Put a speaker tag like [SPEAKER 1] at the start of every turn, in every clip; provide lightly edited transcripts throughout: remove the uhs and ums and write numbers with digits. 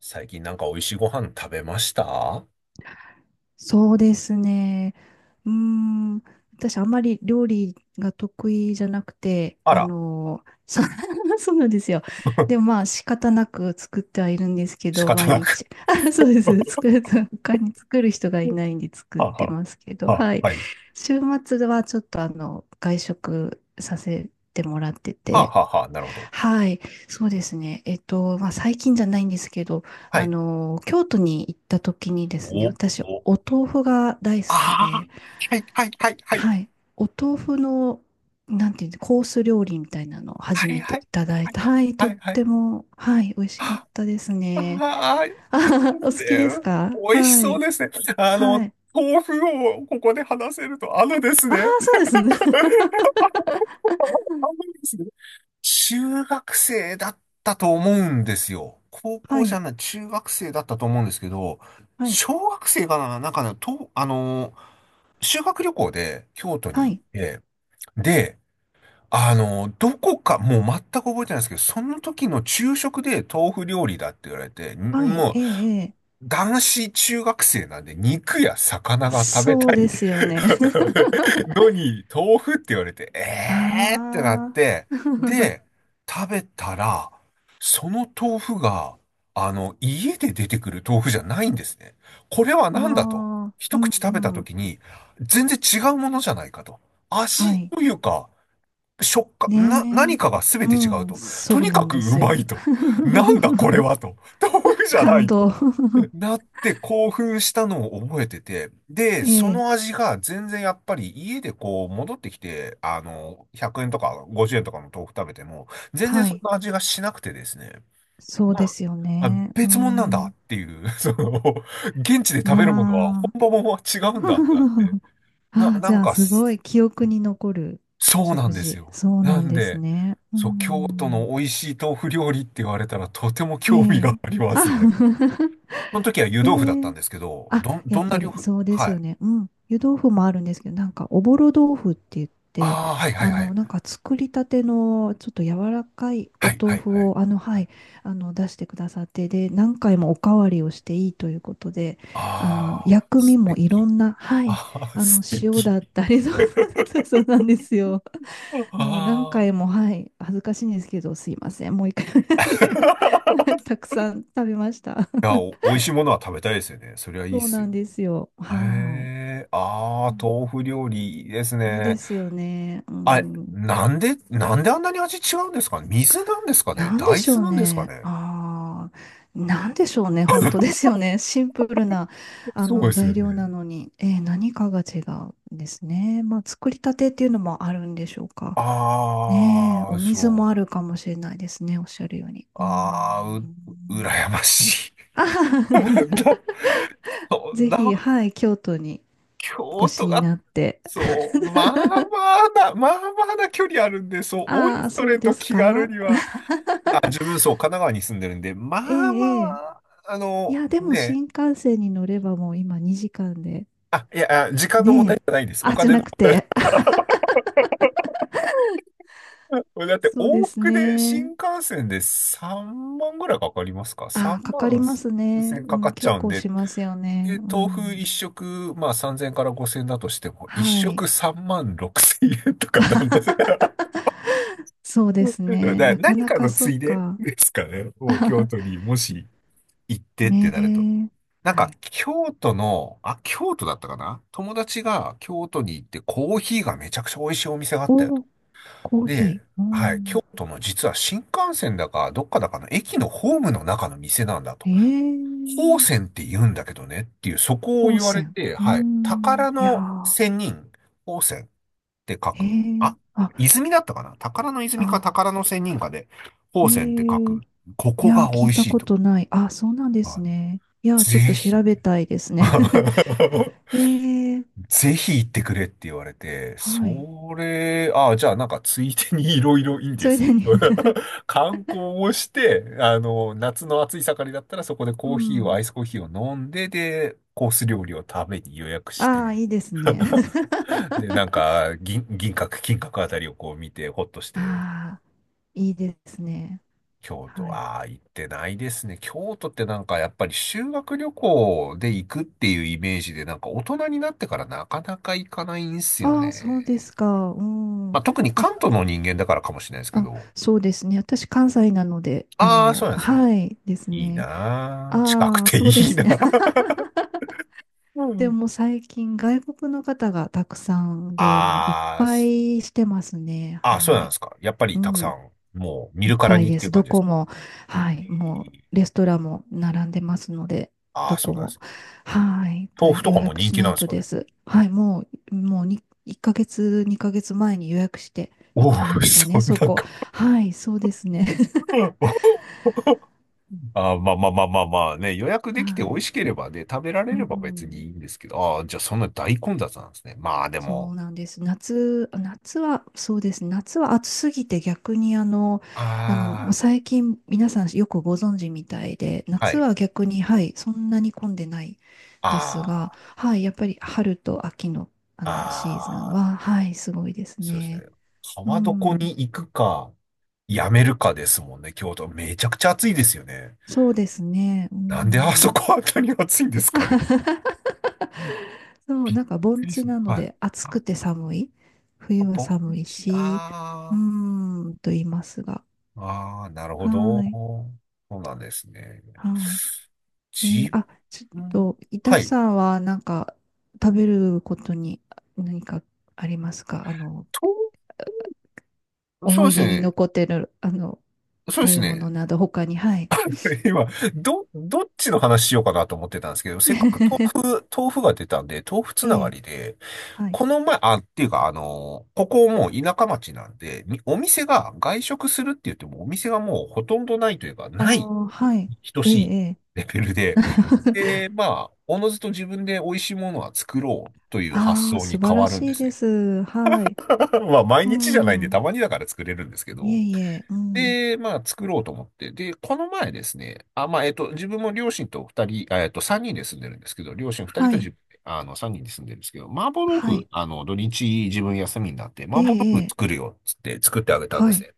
[SPEAKER 1] 最近なんか美味しいご飯食べました。
[SPEAKER 2] そうですね。うーん、私あんまり料理が得意じゃなくて、
[SPEAKER 1] あら、
[SPEAKER 2] そうなんですよ。でもま あ仕方なく作ってはいるんですけ
[SPEAKER 1] 仕
[SPEAKER 2] ど、
[SPEAKER 1] 方
[SPEAKER 2] 毎
[SPEAKER 1] なく。
[SPEAKER 2] 日。あ、そうです。作る、他に作る人がいないんで 作っ
[SPEAKER 1] はあ
[SPEAKER 2] て
[SPEAKER 1] は
[SPEAKER 2] ますけど、
[SPEAKER 1] あ、は
[SPEAKER 2] はい。
[SPEAKER 1] あ、はい。
[SPEAKER 2] 週末はちょっと外食させてもらって
[SPEAKER 1] はあ、
[SPEAKER 2] て、
[SPEAKER 1] はあ、はあ、なるほど。
[SPEAKER 2] はい。そうですね。まあ最近じゃないんですけど、
[SPEAKER 1] は
[SPEAKER 2] あ
[SPEAKER 1] い。
[SPEAKER 2] の、京都に行った時にですね、
[SPEAKER 1] お、
[SPEAKER 2] 私、
[SPEAKER 1] お、
[SPEAKER 2] お豆腐が大好
[SPEAKER 1] あ
[SPEAKER 2] き
[SPEAKER 1] あ、
[SPEAKER 2] で、
[SPEAKER 1] はい、はい、はい、はい。
[SPEAKER 2] はい、お豆腐の、なんていうの、コース料理みたいなのを初
[SPEAKER 1] はい、
[SPEAKER 2] めて
[SPEAKER 1] は
[SPEAKER 2] い
[SPEAKER 1] い、
[SPEAKER 2] ただい
[SPEAKER 1] はい、
[SPEAKER 2] た。はい、
[SPEAKER 1] は
[SPEAKER 2] とっ
[SPEAKER 1] い、はい。
[SPEAKER 2] ても、はい、美味しかっ
[SPEAKER 1] あ
[SPEAKER 2] たですね。
[SPEAKER 1] あ、い
[SPEAKER 2] あ
[SPEAKER 1] いで
[SPEAKER 2] はは、お好
[SPEAKER 1] す
[SPEAKER 2] きです
[SPEAKER 1] ね。
[SPEAKER 2] か。
[SPEAKER 1] 美味し
[SPEAKER 2] は
[SPEAKER 1] そう
[SPEAKER 2] い、
[SPEAKER 1] ですね。あの、
[SPEAKER 2] はい。
[SPEAKER 1] 豆腐をここで話せると、あのです
[SPEAKER 2] ああ、
[SPEAKER 1] ね。
[SPEAKER 2] そうですね。
[SPEAKER 1] あのですね。中学生だったと思うんですよ。高
[SPEAKER 2] は
[SPEAKER 1] 校じゃ
[SPEAKER 2] い、
[SPEAKER 1] ない、中学生だったと思うんですけど、
[SPEAKER 2] はい、
[SPEAKER 1] 小学生かな、なんかね、と、あのー、修学旅行で京都に
[SPEAKER 2] は
[SPEAKER 1] 行っ
[SPEAKER 2] い、
[SPEAKER 1] て、で、どこか、もう全く覚えてないんですけど、その時の昼食で豆腐料理だって言われて、ん、
[SPEAKER 2] はい、
[SPEAKER 1] もう、
[SPEAKER 2] ええ、ええ。
[SPEAKER 1] 男子中学生なんで肉や魚が食べ
[SPEAKER 2] そ
[SPEAKER 1] た
[SPEAKER 2] うで
[SPEAKER 1] い
[SPEAKER 2] すよね。
[SPEAKER 1] のに、豆腐って言われて、えーってなっ
[SPEAKER 2] ああ、
[SPEAKER 1] て、で、食べたら、その豆腐が、あの、家で出てくる豆腐じゃないんですね。これは
[SPEAKER 2] あ
[SPEAKER 1] 何だと。
[SPEAKER 2] あ、う
[SPEAKER 1] 一
[SPEAKER 2] ん、
[SPEAKER 1] 口食べた
[SPEAKER 2] うん。
[SPEAKER 1] 時に、全然違うものじゃないかと。
[SPEAKER 2] は
[SPEAKER 1] 味
[SPEAKER 2] い。
[SPEAKER 1] というか、食感、な、何
[SPEAKER 2] ねえ。
[SPEAKER 1] かが全
[SPEAKER 2] う
[SPEAKER 1] て違う
[SPEAKER 2] ん、
[SPEAKER 1] と。
[SPEAKER 2] そ
[SPEAKER 1] と
[SPEAKER 2] う
[SPEAKER 1] に
[SPEAKER 2] な
[SPEAKER 1] か
[SPEAKER 2] ん
[SPEAKER 1] く
[SPEAKER 2] で
[SPEAKER 1] う
[SPEAKER 2] す
[SPEAKER 1] まい
[SPEAKER 2] よ。
[SPEAKER 1] と。なんだこれ はと。豆腐じゃな
[SPEAKER 2] 感
[SPEAKER 1] い。
[SPEAKER 2] 動。
[SPEAKER 1] なって興奮したのを覚えてて、で、
[SPEAKER 2] え
[SPEAKER 1] そ
[SPEAKER 2] え、
[SPEAKER 1] の味が全然やっぱり家でこう戻ってきて、あの、100円とか50円とかの豆腐食べても、全然
[SPEAKER 2] は
[SPEAKER 1] そん
[SPEAKER 2] い。
[SPEAKER 1] な味がしなくてですね、
[SPEAKER 2] そう
[SPEAKER 1] ま
[SPEAKER 2] で
[SPEAKER 1] あ、
[SPEAKER 2] すよ
[SPEAKER 1] あ、
[SPEAKER 2] ね。う
[SPEAKER 1] 別物なんだ
[SPEAKER 2] ん、
[SPEAKER 1] っていう、その、現地で食べるものは
[SPEAKER 2] まあ。
[SPEAKER 1] 本場ものは違うんだってなって、な、
[SPEAKER 2] ああ、
[SPEAKER 1] な
[SPEAKER 2] じ
[SPEAKER 1] ん
[SPEAKER 2] ゃあ、
[SPEAKER 1] か、
[SPEAKER 2] すごい記憶に残る
[SPEAKER 1] そうなん
[SPEAKER 2] 食
[SPEAKER 1] です
[SPEAKER 2] 事。
[SPEAKER 1] よ。
[SPEAKER 2] そう
[SPEAKER 1] な
[SPEAKER 2] なん
[SPEAKER 1] ん
[SPEAKER 2] です
[SPEAKER 1] で、
[SPEAKER 2] ね。う
[SPEAKER 1] そう、京都の
[SPEAKER 2] ん。
[SPEAKER 1] 美味しい豆腐料理って言われたらとても
[SPEAKER 2] え
[SPEAKER 1] 興味が
[SPEAKER 2] え。
[SPEAKER 1] ありま
[SPEAKER 2] あ、
[SPEAKER 1] すね。その時は湯
[SPEAKER 2] え
[SPEAKER 1] 豆腐だったん
[SPEAKER 2] え。
[SPEAKER 1] ですけど、
[SPEAKER 2] あ、
[SPEAKER 1] どん、
[SPEAKER 2] や
[SPEAKER 1] ど
[SPEAKER 2] っ
[SPEAKER 1] んな
[SPEAKER 2] ぱ
[SPEAKER 1] 料
[SPEAKER 2] り
[SPEAKER 1] 理、
[SPEAKER 2] そうです
[SPEAKER 1] は
[SPEAKER 2] よ
[SPEAKER 1] い。
[SPEAKER 2] ね。うん。湯豆腐もあるんですけど、なんかおぼろ豆腐って言って、
[SPEAKER 1] ああ、はいはい
[SPEAKER 2] あ
[SPEAKER 1] は
[SPEAKER 2] の、
[SPEAKER 1] い。
[SPEAKER 2] なんか作りたてのちょっと柔らかい
[SPEAKER 1] は
[SPEAKER 2] お
[SPEAKER 1] いは
[SPEAKER 2] 豆
[SPEAKER 1] い
[SPEAKER 2] 腐
[SPEAKER 1] はい。
[SPEAKER 2] を、あの、はい、あの、出してくださって、で、何回もおかわりをしていいということで、あの、
[SPEAKER 1] ああー、
[SPEAKER 2] 薬味
[SPEAKER 1] 素
[SPEAKER 2] もいろ
[SPEAKER 1] 敵。
[SPEAKER 2] んな、はい、
[SPEAKER 1] ああ、
[SPEAKER 2] あの、
[SPEAKER 1] 素
[SPEAKER 2] 塩
[SPEAKER 1] 敵。
[SPEAKER 2] だったり、そう、そうなんですよ。
[SPEAKER 1] あ
[SPEAKER 2] もう何回
[SPEAKER 1] あ。
[SPEAKER 2] も、はい、恥ずかしいんですけど、すいません、もう一回 はい たくさん食べました。
[SPEAKER 1] いや、お、美味しいものは食べたいですよね。そりゃ いい
[SPEAKER 2] そ
[SPEAKER 1] っ
[SPEAKER 2] う
[SPEAKER 1] す
[SPEAKER 2] なん
[SPEAKER 1] よ。
[SPEAKER 2] ですよ。はい。
[SPEAKER 1] ええ、あ
[SPEAKER 2] う
[SPEAKER 1] あ、
[SPEAKER 2] ん、
[SPEAKER 1] 豆腐料理いいです
[SPEAKER 2] いいで
[SPEAKER 1] ね。
[SPEAKER 2] すよね。う
[SPEAKER 1] あれ、
[SPEAKER 2] ん。
[SPEAKER 1] なんで、なんであんなに味違うんですかね。水なんですかね。
[SPEAKER 2] なんで
[SPEAKER 1] 大
[SPEAKER 2] しょ
[SPEAKER 1] 豆
[SPEAKER 2] う
[SPEAKER 1] なんですか
[SPEAKER 2] ね。
[SPEAKER 1] ね。
[SPEAKER 2] ああ、なんでしょうね。本当ですよね。シンプルな、あ
[SPEAKER 1] そう
[SPEAKER 2] の、
[SPEAKER 1] です
[SPEAKER 2] 材
[SPEAKER 1] よね。
[SPEAKER 2] 料なのに、何かが違うんですね。まあ、作りたてっていうのもあるんでしょうか。ねえ、
[SPEAKER 1] ああ、
[SPEAKER 2] お水
[SPEAKER 1] そ
[SPEAKER 2] も
[SPEAKER 1] う。
[SPEAKER 2] あるかもしれないですね。おっしゃるように。う
[SPEAKER 1] ああ、う、
[SPEAKER 2] ん。
[SPEAKER 1] 羨ましい。
[SPEAKER 2] あはは、
[SPEAKER 1] だ、そん
[SPEAKER 2] ぜひ、
[SPEAKER 1] な、
[SPEAKER 2] はい、京都にお
[SPEAKER 1] 京
[SPEAKER 2] 越し
[SPEAKER 1] 都
[SPEAKER 2] に
[SPEAKER 1] が、
[SPEAKER 2] なって。
[SPEAKER 1] そう、まあまあな、まあまあな距離あるんで、そう、おい
[SPEAKER 2] ああ、
[SPEAKER 1] そ
[SPEAKER 2] そ
[SPEAKER 1] れ
[SPEAKER 2] うで
[SPEAKER 1] と
[SPEAKER 2] す
[SPEAKER 1] 気軽
[SPEAKER 2] か。
[SPEAKER 1] には、あ、自分、そう、神奈川に住んでるんで、ま
[SPEAKER 2] え
[SPEAKER 1] あま
[SPEAKER 2] え、ええ。
[SPEAKER 1] あ、あ
[SPEAKER 2] い
[SPEAKER 1] の、
[SPEAKER 2] や、でも
[SPEAKER 1] ね、
[SPEAKER 2] 新幹線に乗ればもう今2時間で。
[SPEAKER 1] あ、いや、あ時間の問題
[SPEAKER 2] ねえ。
[SPEAKER 1] じゃないです。お
[SPEAKER 2] あ、じゃ
[SPEAKER 1] 金
[SPEAKER 2] な
[SPEAKER 1] の。
[SPEAKER 2] くて。
[SPEAKER 1] だっ て、
[SPEAKER 2] そうで
[SPEAKER 1] 往
[SPEAKER 2] す
[SPEAKER 1] 復で新
[SPEAKER 2] ね。
[SPEAKER 1] 幹線で3万ぐらいかかりますか？
[SPEAKER 2] あ
[SPEAKER 1] 3
[SPEAKER 2] あ、かかり
[SPEAKER 1] 万
[SPEAKER 2] ま
[SPEAKER 1] 数
[SPEAKER 2] すね。
[SPEAKER 1] 千
[SPEAKER 2] う
[SPEAKER 1] かか
[SPEAKER 2] ん、
[SPEAKER 1] っちゃ
[SPEAKER 2] 結
[SPEAKER 1] うん
[SPEAKER 2] 構
[SPEAKER 1] で、
[SPEAKER 2] しますよね。
[SPEAKER 1] で、
[SPEAKER 2] う
[SPEAKER 1] 豆腐一
[SPEAKER 2] ん。
[SPEAKER 1] 食、まあ3000から5000だとしても、一
[SPEAKER 2] はい。
[SPEAKER 1] 食3万6000円とかなんです。
[SPEAKER 2] そうです
[SPEAKER 1] だか
[SPEAKER 2] ね。
[SPEAKER 1] ら
[SPEAKER 2] なか
[SPEAKER 1] 何
[SPEAKER 2] な
[SPEAKER 1] か
[SPEAKER 2] か
[SPEAKER 1] の
[SPEAKER 2] そ
[SPEAKER 1] つ
[SPEAKER 2] う
[SPEAKER 1] いで
[SPEAKER 2] か。
[SPEAKER 1] ですかね。もう京 都にもし行ってって
[SPEAKER 2] ね
[SPEAKER 1] なると。
[SPEAKER 2] え。
[SPEAKER 1] なん
[SPEAKER 2] は
[SPEAKER 1] か
[SPEAKER 2] い。
[SPEAKER 1] 京都の、あ、京都だったかな、友達が京都に行ってコーヒーがめちゃくちゃ美味しいお店があったよと。
[SPEAKER 2] お、コー
[SPEAKER 1] で、
[SPEAKER 2] ヒー。う
[SPEAKER 1] はい、
[SPEAKER 2] ん。
[SPEAKER 1] 京都の実は新幹線だかどっかだかの駅のホームの中の店なんだと。
[SPEAKER 2] え
[SPEAKER 1] 宝
[SPEAKER 2] え、
[SPEAKER 1] 泉って言うんだけどねっていう、そこを
[SPEAKER 2] 高
[SPEAKER 1] 言われ
[SPEAKER 2] 専。
[SPEAKER 1] て、
[SPEAKER 2] うー
[SPEAKER 1] はい、
[SPEAKER 2] ん。
[SPEAKER 1] 宝
[SPEAKER 2] いや
[SPEAKER 1] の
[SPEAKER 2] ー、
[SPEAKER 1] 仙人、宝泉って書
[SPEAKER 2] へ
[SPEAKER 1] く。
[SPEAKER 2] え。
[SPEAKER 1] あ、
[SPEAKER 2] あ、
[SPEAKER 1] 泉だったかな、宝の泉か
[SPEAKER 2] あ、
[SPEAKER 1] 宝の仙人かで、
[SPEAKER 2] え
[SPEAKER 1] 宝泉って書
[SPEAKER 2] え。
[SPEAKER 1] く。こ
[SPEAKER 2] い
[SPEAKER 1] こ
[SPEAKER 2] やー、
[SPEAKER 1] が美
[SPEAKER 2] 聞い
[SPEAKER 1] 味
[SPEAKER 2] た
[SPEAKER 1] しい
[SPEAKER 2] こ
[SPEAKER 1] と。
[SPEAKER 2] とない。あ、そうなんで
[SPEAKER 1] あ
[SPEAKER 2] す
[SPEAKER 1] の
[SPEAKER 2] ね。いやー、
[SPEAKER 1] ぜ
[SPEAKER 2] ちょっと
[SPEAKER 1] ひっ
[SPEAKER 2] 調べ
[SPEAKER 1] て。
[SPEAKER 2] たいですね。へえ。
[SPEAKER 1] ぜひ行ってくれって言われて、
[SPEAKER 2] はい。
[SPEAKER 1] それ、ああ、じゃあなんかついでにいろいろいい
[SPEAKER 2] そ
[SPEAKER 1] で
[SPEAKER 2] れ
[SPEAKER 1] す
[SPEAKER 2] で
[SPEAKER 1] ね。
[SPEAKER 2] ね。
[SPEAKER 1] 観光をして、あの、夏の暑い盛りだったらそこで
[SPEAKER 2] う
[SPEAKER 1] コーヒーを、ア
[SPEAKER 2] ん。
[SPEAKER 1] イスコーヒーを飲んで、で、コース料理を食べに予約し
[SPEAKER 2] ああ、
[SPEAKER 1] て、
[SPEAKER 2] いいですね。
[SPEAKER 1] で、なんか銀、銀閣、金閣あたりをこう見て、ほっとして
[SPEAKER 2] ああ、いいですね。
[SPEAKER 1] 京
[SPEAKER 2] は
[SPEAKER 1] 都、
[SPEAKER 2] い。
[SPEAKER 1] ああ、行ってないですね。京都ってなんかやっぱり修学旅行で行くっていうイメージで、なんか大人になってからなかなか行かないんすよ
[SPEAKER 2] あ
[SPEAKER 1] ね。
[SPEAKER 2] あ、そうですか。うん。
[SPEAKER 1] まあ、特に
[SPEAKER 2] あ、
[SPEAKER 1] 関東の人間だからかもしれないですけ
[SPEAKER 2] あ、
[SPEAKER 1] ど。
[SPEAKER 2] そうですね。私、関西なので、
[SPEAKER 1] ああ、そうなんですね。
[SPEAKER 2] はいです
[SPEAKER 1] いい
[SPEAKER 2] ね。
[SPEAKER 1] なあ、近く
[SPEAKER 2] ああ、
[SPEAKER 1] てい
[SPEAKER 2] そうで
[SPEAKER 1] い
[SPEAKER 2] す
[SPEAKER 1] な
[SPEAKER 2] ね。
[SPEAKER 1] あ。 う
[SPEAKER 2] で
[SPEAKER 1] ん、
[SPEAKER 2] も最近外国の方がたくさんでもういっ
[SPEAKER 1] あー
[SPEAKER 2] ぱ
[SPEAKER 1] す、
[SPEAKER 2] いしてますね。
[SPEAKER 1] あー、そう
[SPEAKER 2] は
[SPEAKER 1] なんで
[SPEAKER 2] い。
[SPEAKER 1] すか。やっぱ
[SPEAKER 2] う
[SPEAKER 1] りたくさ
[SPEAKER 2] ん。
[SPEAKER 1] ん、もう見
[SPEAKER 2] いっ
[SPEAKER 1] るから
[SPEAKER 2] ぱい
[SPEAKER 1] にっ
[SPEAKER 2] で
[SPEAKER 1] てい
[SPEAKER 2] す。
[SPEAKER 1] う感
[SPEAKER 2] ど
[SPEAKER 1] じです
[SPEAKER 2] こ
[SPEAKER 1] か。
[SPEAKER 2] も、は
[SPEAKER 1] え
[SPEAKER 2] い。も
[SPEAKER 1] ー、
[SPEAKER 2] うレストランも並んでますので、
[SPEAKER 1] ああ、
[SPEAKER 2] ど
[SPEAKER 1] そう
[SPEAKER 2] こ
[SPEAKER 1] なんで
[SPEAKER 2] も。
[SPEAKER 1] す。
[SPEAKER 2] はい。
[SPEAKER 1] 豆腐
[SPEAKER 2] 大
[SPEAKER 1] と
[SPEAKER 2] 予
[SPEAKER 1] かも
[SPEAKER 2] 約
[SPEAKER 1] 人
[SPEAKER 2] し
[SPEAKER 1] 気
[SPEAKER 2] な
[SPEAKER 1] なん
[SPEAKER 2] い
[SPEAKER 1] です
[SPEAKER 2] と
[SPEAKER 1] か
[SPEAKER 2] で
[SPEAKER 1] ね。
[SPEAKER 2] す。はい。もうに1ヶ月、2ヶ月前に予約して
[SPEAKER 1] お
[SPEAKER 2] 行
[SPEAKER 1] お、
[SPEAKER 2] きましたね、
[SPEAKER 1] そん
[SPEAKER 2] そ
[SPEAKER 1] な
[SPEAKER 2] こ。
[SPEAKER 1] か。
[SPEAKER 2] はい。そうですね。
[SPEAKER 1] あー、まあまあまあまあまあね、予約
[SPEAKER 2] は
[SPEAKER 1] できて美味しけ
[SPEAKER 2] い。
[SPEAKER 1] ればね、食べられ
[SPEAKER 2] う
[SPEAKER 1] れば別にい
[SPEAKER 2] ん。
[SPEAKER 1] いんですけど、ああ、じゃあそんな大混雑なんですね。まあで
[SPEAKER 2] そ
[SPEAKER 1] も、
[SPEAKER 2] うなんです。夏は、そうですね。夏は暑すぎて逆にもう
[SPEAKER 1] あ
[SPEAKER 2] 最近皆さんよくご存知みたいで、
[SPEAKER 1] あ、は
[SPEAKER 2] 夏
[SPEAKER 1] い。
[SPEAKER 2] は逆に、はい、そんなに混んでないですが、
[SPEAKER 1] あ
[SPEAKER 2] はい、やっぱり春と秋の、あ
[SPEAKER 1] あ、
[SPEAKER 2] のシーズン
[SPEAKER 1] ああ、
[SPEAKER 2] は、はい、すごいです
[SPEAKER 1] そうです
[SPEAKER 2] ね。
[SPEAKER 1] ね。
[SPEAKER 2] う
[SPEAKER 1] 川床
[SPEAKER 2] ん、
[SPEAKER 1] に行くか、やめるかですもんね、京都。めちゃくちゃ暑いですよね。
[SPEAKER 2] そうですね。う
[SPEAKER 1] なんであそ
[SPEAKER 2] ん、
[SPEAKER 1] こあたり暑いんですかね。
[SPEAKER 2] そう、
[SPEAKER 1] びっ
[SPEAKER 2] なんか
[SPEAKER 1] く
[SPEAKER 2] 盆
[SPEAKER 1] り
[SPEAKER 2] 地
[SPEAKER 1] する。
[SPEAKER 2] なの
[SPEAKER 1] はい。
[SPEAKER 2] で暑
[SPEAKER 1] あ、
[SPEAKER 2] くて寒い。冬は
[SPEAKER 1] 盆
[SPEAKER 2] 寒い
[SPEAKER 1] 地、
[SPEAKER 2] し、う
[SPEAKER 1] あ
[SPEAKER 2] ーん、と言いますが。
[SPEAKER 1] あ、ああ、なるほ
[SPEAKER 2] は
[SPEAKER 1] ど。
[SPEAKER 2] い。
[SPEAKER 1] そうなんですね。
[SPEAKER 2] はい。
[SPEAKER 1] 自
[SPEAKER 2] あ、ちょっ
[SPEAKER 1] 分、
[SPEAKER 2] と、いた
[SPEAKER 1] は
[SPEAKER 2] し
[SPEAKER 1] い。
[SPEAKER 2] さんは、なんか、食べることに何かありますか。あの、
[SPEAKER 1] と、そう
[SPEAKER 2] 思
[SPEAKER 1] で
[SPEAKER 2] い
[SPEAKER 1] す
[SPEAKER 2] 出に
[SPEAKER 1] ね。
[SPEAKER 2] 残ってる、あの、
[SPEAKER 1] そうで
[SPEAKER 2] 食
[SPEAKER 1] す
[SPEAKER 2] べ物
[SPEAKER 1] ね。
[SPEAKER 2] など、他に、はい。
[SPEAKER 1] 今、ど、どっちの話しようかなと思ってたんですけど、せっかく 豆腐、豆腐が出たんで、豆腐つ
[SPEAKER 2] え
[SPEAKER 1] なが
[SPEAKER 2] え、
[SPEAKER 1] りで、
[SPEAKER 2] はい。
[SPEAKER 1] この前、あ、っていうか、あの、ここもう田舎町なんで、みお店が外食するって言っても、お店がもうほとんどないというか、
[SPEAKER 2] あ
[SPEAKER 1] ない
[SPEAKER 2] あ、はい。
[SPEAKER 1] 等
[SPEAKER 2] ええ、
[SPEAKER 1] しい
[SPEAKER 2] ええ。
[SPEAKER 1] レベルで、で、まあ、おのずと自分で美味しいものは作ろうという発
[SPEAKER 2] ああ、
[SPEAKER 1] 想
[SPEAKER 2] 素
[SPEAKER 1] に
[SPEAKER 2] 晴
[SPEAKER 1] 変
[SPEAKER 2] ら
[SPEAKER 1] わるん
[SPEAKER 2] し
[SPEAKER 1] で
[SPEAKER 2] い
[SPEAKER 1] す
[SPEAKER 2] で
[SPEAKER 1] ね。
[SPEAKER 2] す。はい。
[SPEAKER 1] まあ、毎
[SPEAKER 2] う
[SPEAKER 1] 日じゃないんで、
[SPEAKER 2] ん。
[SPEAKER 1] たまにだから作れるんですけ
[SPEAKER 2] いえ
[SPEAKER 1] ど、
[SPEAKER 2] いえ、うん。
[SPEAKER 1] で、まあ、作ろうと思って。で、この前ですね、あ、まあ、自分も両親と二人、あ、三人で住んでるんですけど、両親二人
[SPEAKER 2] は
[SPEAKER 1] と
[SPEAKER 2] い。
[SPEAKER 1] じ、あの、三人で住んでるんですけど、麻婆豆
[SPEAKER 2] は
[SPEAKER 1] 腐、
[SPEAKER 2] い。
[SPEAKER 1] あの、土日自分休みになって、
[SPEAKER 2] ええ、
[SPEAKER 1] 麻婆
[SPEAKER 2] え
[SPEAKER 1] 豆腐
[SPEAKER 2] え。
[SPEAKER 1] 作るよ、つって作ってあげたんで
[SPEAKER 2] は
[SPEAKER 1] す
[SPEAKER 2] い。
[SPEAKER 1] ね。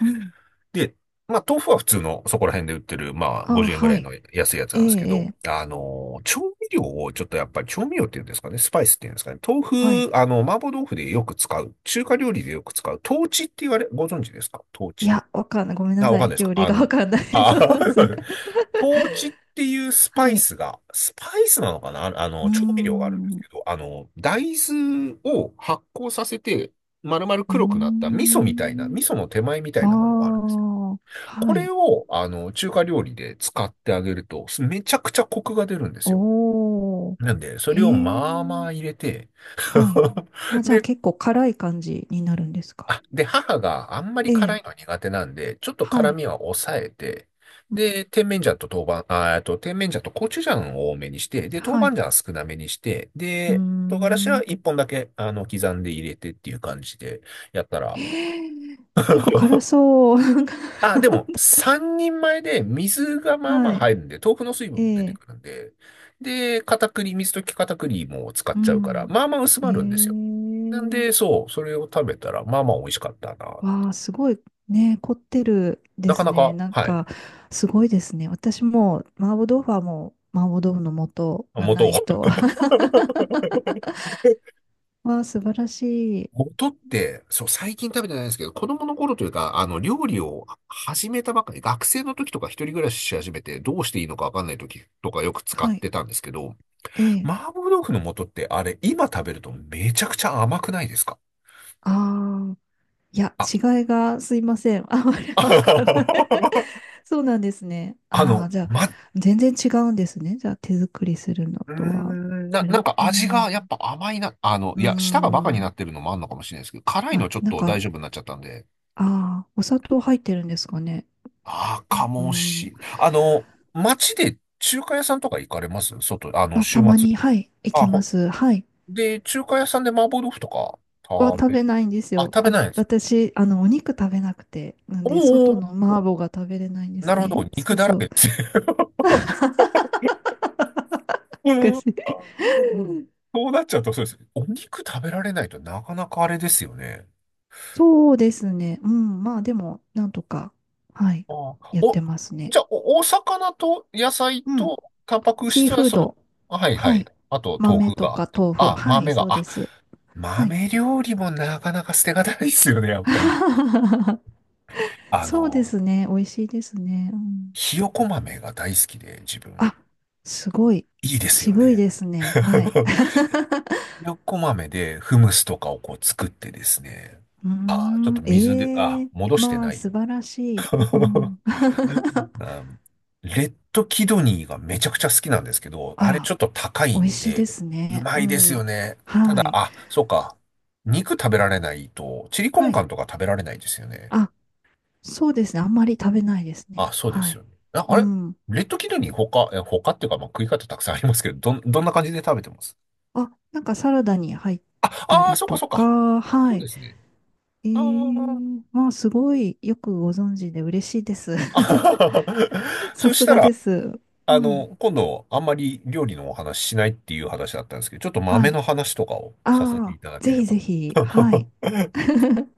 [SPEAKER 2] うん。
[SPEAKER 1] で、まあ、豆腐は普通の、そこら辺で売ってる、まあ、
[SPEAKER 2] ああ、
[SPEAKER 1] 50円ぐら
[SPEAKER 2] は
[SPEAKER 1] い
[SPEAKER 2] い。
[SPEAKER 1] の安いやつ
[SPEAKER 2] え
[SPEAKER 1] なん
[SPEAKER 2] え、
[SPEAKER 1] ですけ
[SPEAKER 2] え
[SPEAKER 1] ど、
[SPEAKER 2] え。
[SPEAKER 1] あの、調味料を、ちょっとやっぱり調味料っていうんですかね、スパイスっていうんですかね、
[SPEAKER 2] は
[SPEAKER 1] 豆
[SPEAKER 2] い。
[SPEAKER 1] 腐、あの、麻婆豆腐でよく使う、中華料理でよく使う、豆豉って言われ、ご存知ですか、豆
[SPEAKER 2] い
[SPEAKER 1] 豉。
[SPEAKER 2] や、わかんない。ごめんな
[SPEAKER 1] あ、わ
[SPEAKER 2] さ
[SPEAKER 1] かんな
[SPEAKER 2] い。
[SPEAKER 1] いですか。
[SPEAKER 2] 料理
[SPEAKER 1] あ
[SPEAKER 2] がわ
[SPEAKER 1] の、
[SPEAKER 2] かんない。そ
[SPEAKER 1] あ、
[SPEAKER 2] うなんです。
[SPEAKER 1] 豆チっていうスパ
[SPEAKER 2] は
[SPEAKER 1] イ
[SPEAKER 2] い。
[SPEAKER 1] スが、スパイスなのかな、あ、あ
[SPEAKER 2] うー
[SPEAKER 1] の、調味料があるんです
[SPEAKER 2] ん。う
[SPEAKER 1] けど、あの、大豆を発酵させて、丸々
[SPEAKER 2] ー
[SPEAKER 1] 黒くなった味噌みたいな、味
[SPEAKER 2] ん。
[SPEAKER 1] 噌の手前みた
[SPEAKER 2] あ
[SPEAKER 1] いなものがあるんですよ。
[SPEAKER 2] あ、
[SPEAKER 1] こ
[SPEAKER 2] は
[SPEAKER 1] れ
[SPEAKER 2] い。
[SPEAKER 1] を、あの、中華料理で使ってあげると、すめちゃくちゃコクが出るんですよ。
[SPEAKER 2] おー。
[SPEAKER 1] なんで、そ
[SPEAKER 2] へ
[SPEAKER 1] れをまあま
[SPEAKER 2] え。
[SPEAKER 1] あ入れて、
[SPEAKER 2] はい。あ、じゃあ
[SPEAKER 1] で、
[SPEAKER 2] 結構辛い感じになるんですか。
[SPEAKER 1] あ、で、母があんまり
[SPEAKER 2] え
[SPEAKER 1] 辛
[SPEAKER 2] え。
[SPEAKER 1] いのは苦手なんで、ちょっと
[SPEAKER 2] は
[SPEAKER 1] 辛
[SPEAKER 2] い。
[SPEAKER 1] みは抑えて、で、甜麺醤と豆板、あー、甜麺醤とコチュジャンを多めにして、で、豆
[SPEAKER 2] は
[SPEAKER 1] 板
[SPEAKER 2] い。
[SPEAKER 1] 醤は少なめにして、
[SPEAKER 2] うー
[SPEAKER 1] で、唐辛子は
[SPEAKER 2] ん。
[SPEAKER 1] 一本だけ、あの、刻んで入れてっていう感じでやったら、
[SPEAKER 2] へえ。結構辛 そう。
[SPEAKER 1] あ、でも、三人前で水がまあま
[SPEAKER 2] は
[SPEAKER 1] あ
[SPEAKER 2] い。
[SPEAKER 1] 入るんで、豆腐の水分
[SPEAKER 2] え
[SPEAKER 1] も出て
[SPEAKER 2] え。
[SPEAKER 1] くるんで、で、片栗、水溶き片栗も使っ
[SPEAKER 2] う
[SPEAKER 1] ちゃうから、
[SPEAKER 2] ん。
[SPEAKER 1] まあまあ薄まるんですよ。
[SPEAKER 2] え
[SPEAKER 1] なんで、
[SPEAKER 2] え。
[SPEAKER 1] そう、それを食べたら、まあまあ美味しかったな。
[SPEAKER 2] わあ、すごいね、凝ってる
[SPEAKER 1] な
[SPEAKER 2] で
[SPEAKER 1] か
[SPEAKER 2] す
[SPEAKER 1] な
[SPEAKER 2] ね。
[SPEAKER 1] か、
[SPEAKER 2] なん
[SPEAKER 1] はい。
[SPEAKER 2] か、すごいですね。私も、麻婆豆腐はもう、麻婆豆腐の素がな
[SPEAKER 1] 元
[SPEAKER 2] いと。わあ、素晴らしい。
[SPEAKER 1] 元って、そう、最近食べてないんですけど、子供の頃というか、あの、料理を始めたばっかり、学生の時とか一人暮らしし始めて、どうしていいのかわかんない時とかよく使っ
[SPEAKER 2] はい。
[SPEAKER 1] てたんですけど、
[SPEAKER 2] ええ。
[SPEAKER 1] 麻婆豆腐の素ってあれ、今食べるとめちゃくちゃ甘くないですか。
[SPEAKER 2] ああ、いや、
[SPEAKER 1] あ、
[SPEAKER 2] 違いが、すいません。あまりわかんない。 そうなんですね。
[SPEAKER 1] あ
[SPEAKER 2] ああ、
[SPEAKER 1] の、
[SPEAKER 2] じゃあ、
[SPEAKER 1] ま、
[SPEAKER 2] 全然違うんですね。じゃあ、手作りするの
[SPEAKER 1] うー
[SPEAKER 2] とは。
[SPEAKER 1] んな、
[SPEAKER 2] あ
[SPEAKER 1] なん
[SPEAKER 2] り、
[SPEAKER 1] か
[SPEAKER 2] う
[SPEAKER 1] 味がやっ
[SPEAKER 2] ん。
[SPEAKER 1] ぱ甘いな、あの、
[SPEAKER 2] うー
[SPEAKER 1] いや、舌がバカにな
[SPEAKER 2] ん。
[SPEAKER 1] ってるのもあんのかもしれないですけど、辛いの
[SPEAKER 2] あ、
[SPEAKER 1] ちょっ
[SPEAKER 2] なん
[SPEAKER 1] と大
[SPEAKER 2] か、
[SPEAKER 1] 丈夫になっちゃったんで、
[SPEAKER 2] ああ、お砂糖入ってるんですかね。
[SPEAKER 1] ああ、か
[SPEAKER 2] う
[SPEAKER 1] も
[SPEAKER 2] ん。
[SPEAKER 1] し。あの、街で中華屋さんとか行かれます、外、あの、
[SPEAKER 2] あ、
[SPEAKER 1] 週
[SPEAKER 2] たま
[SPEAKER 1] 末。
[SPEAKER 2] に、はい、行
[SPEAKER 1] あ、
[SPEAKER 2] きま
[SPEAKER 1] ほ
[SPEAKER 2] す。はい。
[SPEAKER 1] で、中華屋さんで麻婆豆腐とか
[SPEAKER 2] は
[SPEAKER 1] 食
[SPEAKER 2] 食べ
[SPEAKER 1] べ、
[SPEAKER 2] ないんです
[SPEAKER 1] あ、
[SPEAKER 2] よ。
[SPEAKER 1] 食べ
[SPEAKER 2] あ、
[SPEAKER 1] ないです。
[SPEAKER 2] 私、あの、お肉食べなくて、なんで、
[SPEAKER 1] お
[SPEAKER 2] 外
[SPEAKER 1] ーお
[SPEAKER 2] の麻婆が食べれないんで
[SPEAKER 1] ー、な
[SPEAKER 2] す
[SPEAKER 1] るほ
[SPEAKER 2] ね。
[SPEAKER 1] ど。
[SPEAKER 2] そ
[SPEAKER 1] 肉
[SPEAKER 2] う
[SPEAKER 1] だら
[SPEAKER 2] そ
[SPEAKER 1] け
[SPEAKER 2] う。
[SPEAKER 1] です。うん。
[SPEAKER 2] 昔。うん、
[SPEAKER 1] そうなっちゃうとそうです。お肉食べられないとなかなかあれですよね。
[SPEAKER 2] そうですね。うん。まあ、でも、なんとか、はい、
[SPEAKER 1] ああ、
[SPEAKER 2] やって
[SPEAKER 1] お、
[SPEAKER 2] ますね。
[SPEAKER 1] じゃあ、お、お魚と野菜
[SPEAKER 2] うん。
[SPEAKER 1] とタンパク
[SPEAKER 2] シー
[SPEAKER 1] 質は
[SPEAKER 2] フー
[SPEAKER 1] その、
[SPEAKER 2] ド。
[SPEAKER 1] あはいは
[SPEAKER 2] は
[SPEAKER 1] い。
[SPEAKER 2] い。
[SPEAKER 1] あと、
[SPEAKER 2] 豆
[SPEAKER 1] 豆腐
[SPEAKER 2] と
[SPEAKER 1] があっ
[SPEAKER 2] か
[SPEAKER 1] て。
[SPEAKER 2] 豆腐。
[SPEAKER 1] あ、
[SPEAKER 2] はい、
[SPEAKER 1] 豆が、
[SPEAKER 2] そうで
[SPEAKER 1] あ、
[SPEAKER 2] す。はい。
[SPEAKER 1] 豆料理もなかなか捨てがたいですよね、やっぱり。あ
[SPEAKER 2] そうで
[SPEAKER 1] の、
[SPEAKER 2] すね。美味しいですね。うん、
[SPEAKER 1] ひよこ豆が大好きで、自分。
[SPEAKER 2] あ、すごい。
[SPEAKER 1] いいですよ
[SPEAKER 2] 渋い
[SPEAKER 1] ね。
[SPEAKER 2] ですね。はい。
[SPEAKER 1] ひよこ豆でフムスとかをこう作ってですね。
[SPEAKER 2] うー
[SPEAKER 1] あー、ちょっと
[SPEAKER 2] ん、
[SPEAKER 1] 水で、
[SPEAKER 2] え
[SPEAKER 1] あ、
[SPEAKER 2] え
[SPEAKER 1] 戻して
[SPEAKER 2] まあ、
[SPEAKER 1] ない
[SPEAKER 2] 素
[SPEAKER 1] よ。
[SPEAKER 2] 晴らしい。う ん。
[SPEAKER 1] あ、レッドキドニーがめちゃくちゃ好きなんですけど、
[SPEAKER 2] あ
[SPEAKER 1] あれち
[SPEAKER 2] ら、
[SPEAKER 1] ょっと高い
[SPEAKER 2] 美味
[SPEAKER 1] ん
[SPEAKER 2] しいで
[SPEAKER 1] で、
[SPEAKER 2] す
[SPEAKER 1] う
[SPEAKER 2] ね。
[SPEAKER 1] ま
[SPEAKER 2] う
[SPEAKER 1] いです
[SPEAKER 2] ん。
[SPEAKER 1] よね。た
[SPEAKER 2] は
[SPEAKER 1] だ、
[SPEAKER 2] い。
[SPEAKER 1] あ、そうか。肉食べられないと、チリコ
[SPEAKER 2] は
[SPEAKER 1] ンカ
[SPEAKER 2] い。
[SPEAKER 1] ンとか食べられないですよね。
[SPEAKER 2] あ、そうですね。あんまり食べないです
[SPEAKER 1] あ、
[SPEAKER 2] ね。
[SPEAKER 1] そうで
[SPEAKER 2] は
[SPEAKER 1] すよ
[SPEAKER 2] い。
[SPEAKER 1] ね。あ、あ
[SPEAKER 2] う
[SPEAKER 1] れ
[SPEAKER 2] ん。
[SPEAKER 1] レッドキドニー他、え、他っていうか、まあ、食い方たくさんありますけど、どん、どんな感じで食べてます
[SPEAKER 2] あ、なんかサラダに入っ
[SPEAKER 1] あ、
[SPEAKER 2] た
[SPEAKER 1] あー
[SPEAKER 2] り
[SPEAKER 1] そっか
[SPEAKER 2] と
[SPEAKER 1] そっか。
[SPEAKER 2] か、は
[SPEAKER 1] そう
[SPEAKER 2] い。
[SPEAKER 1] ですね。
[SPEAKER 2] え
[SPEAKER 1] あ
[SPEAKER 2] え、
[SPEAKER 1] ー
[SPEAKER 2] まあ、すごいよくご存知で嬉しいです。
[SPEAKER 1] あ。
[SPEAKER 2] さ
[SPEAKER 1] そし
[SPEAKER 2] す
[SPEAKER 1] た
[SPEAKER 2] が
[SPEAKER 1] ら、
[SPEAKER 2] です。う
[SPEAKER 1] あ
[SPEAKER 2] ん。
[SPEAKER 1] の、今度、あんまり料理のお話しないっていう話だったんですけど、ちょっと豆
[SPEAKER 2] はい。
[SPEAKER 1] の話とかをさせて
[SPEAKER 2] あ
[SPEAKER 1] い
[SPEAKER 2] あ、
[SPEAKER 1] ただけ
[SPEAKER 2] ぜ
[SPEAKER 1] れ
[SPEAKER 2] ひ
[SPEAKER 1] ば。
[SPEAKER 2] ぜひ、はい。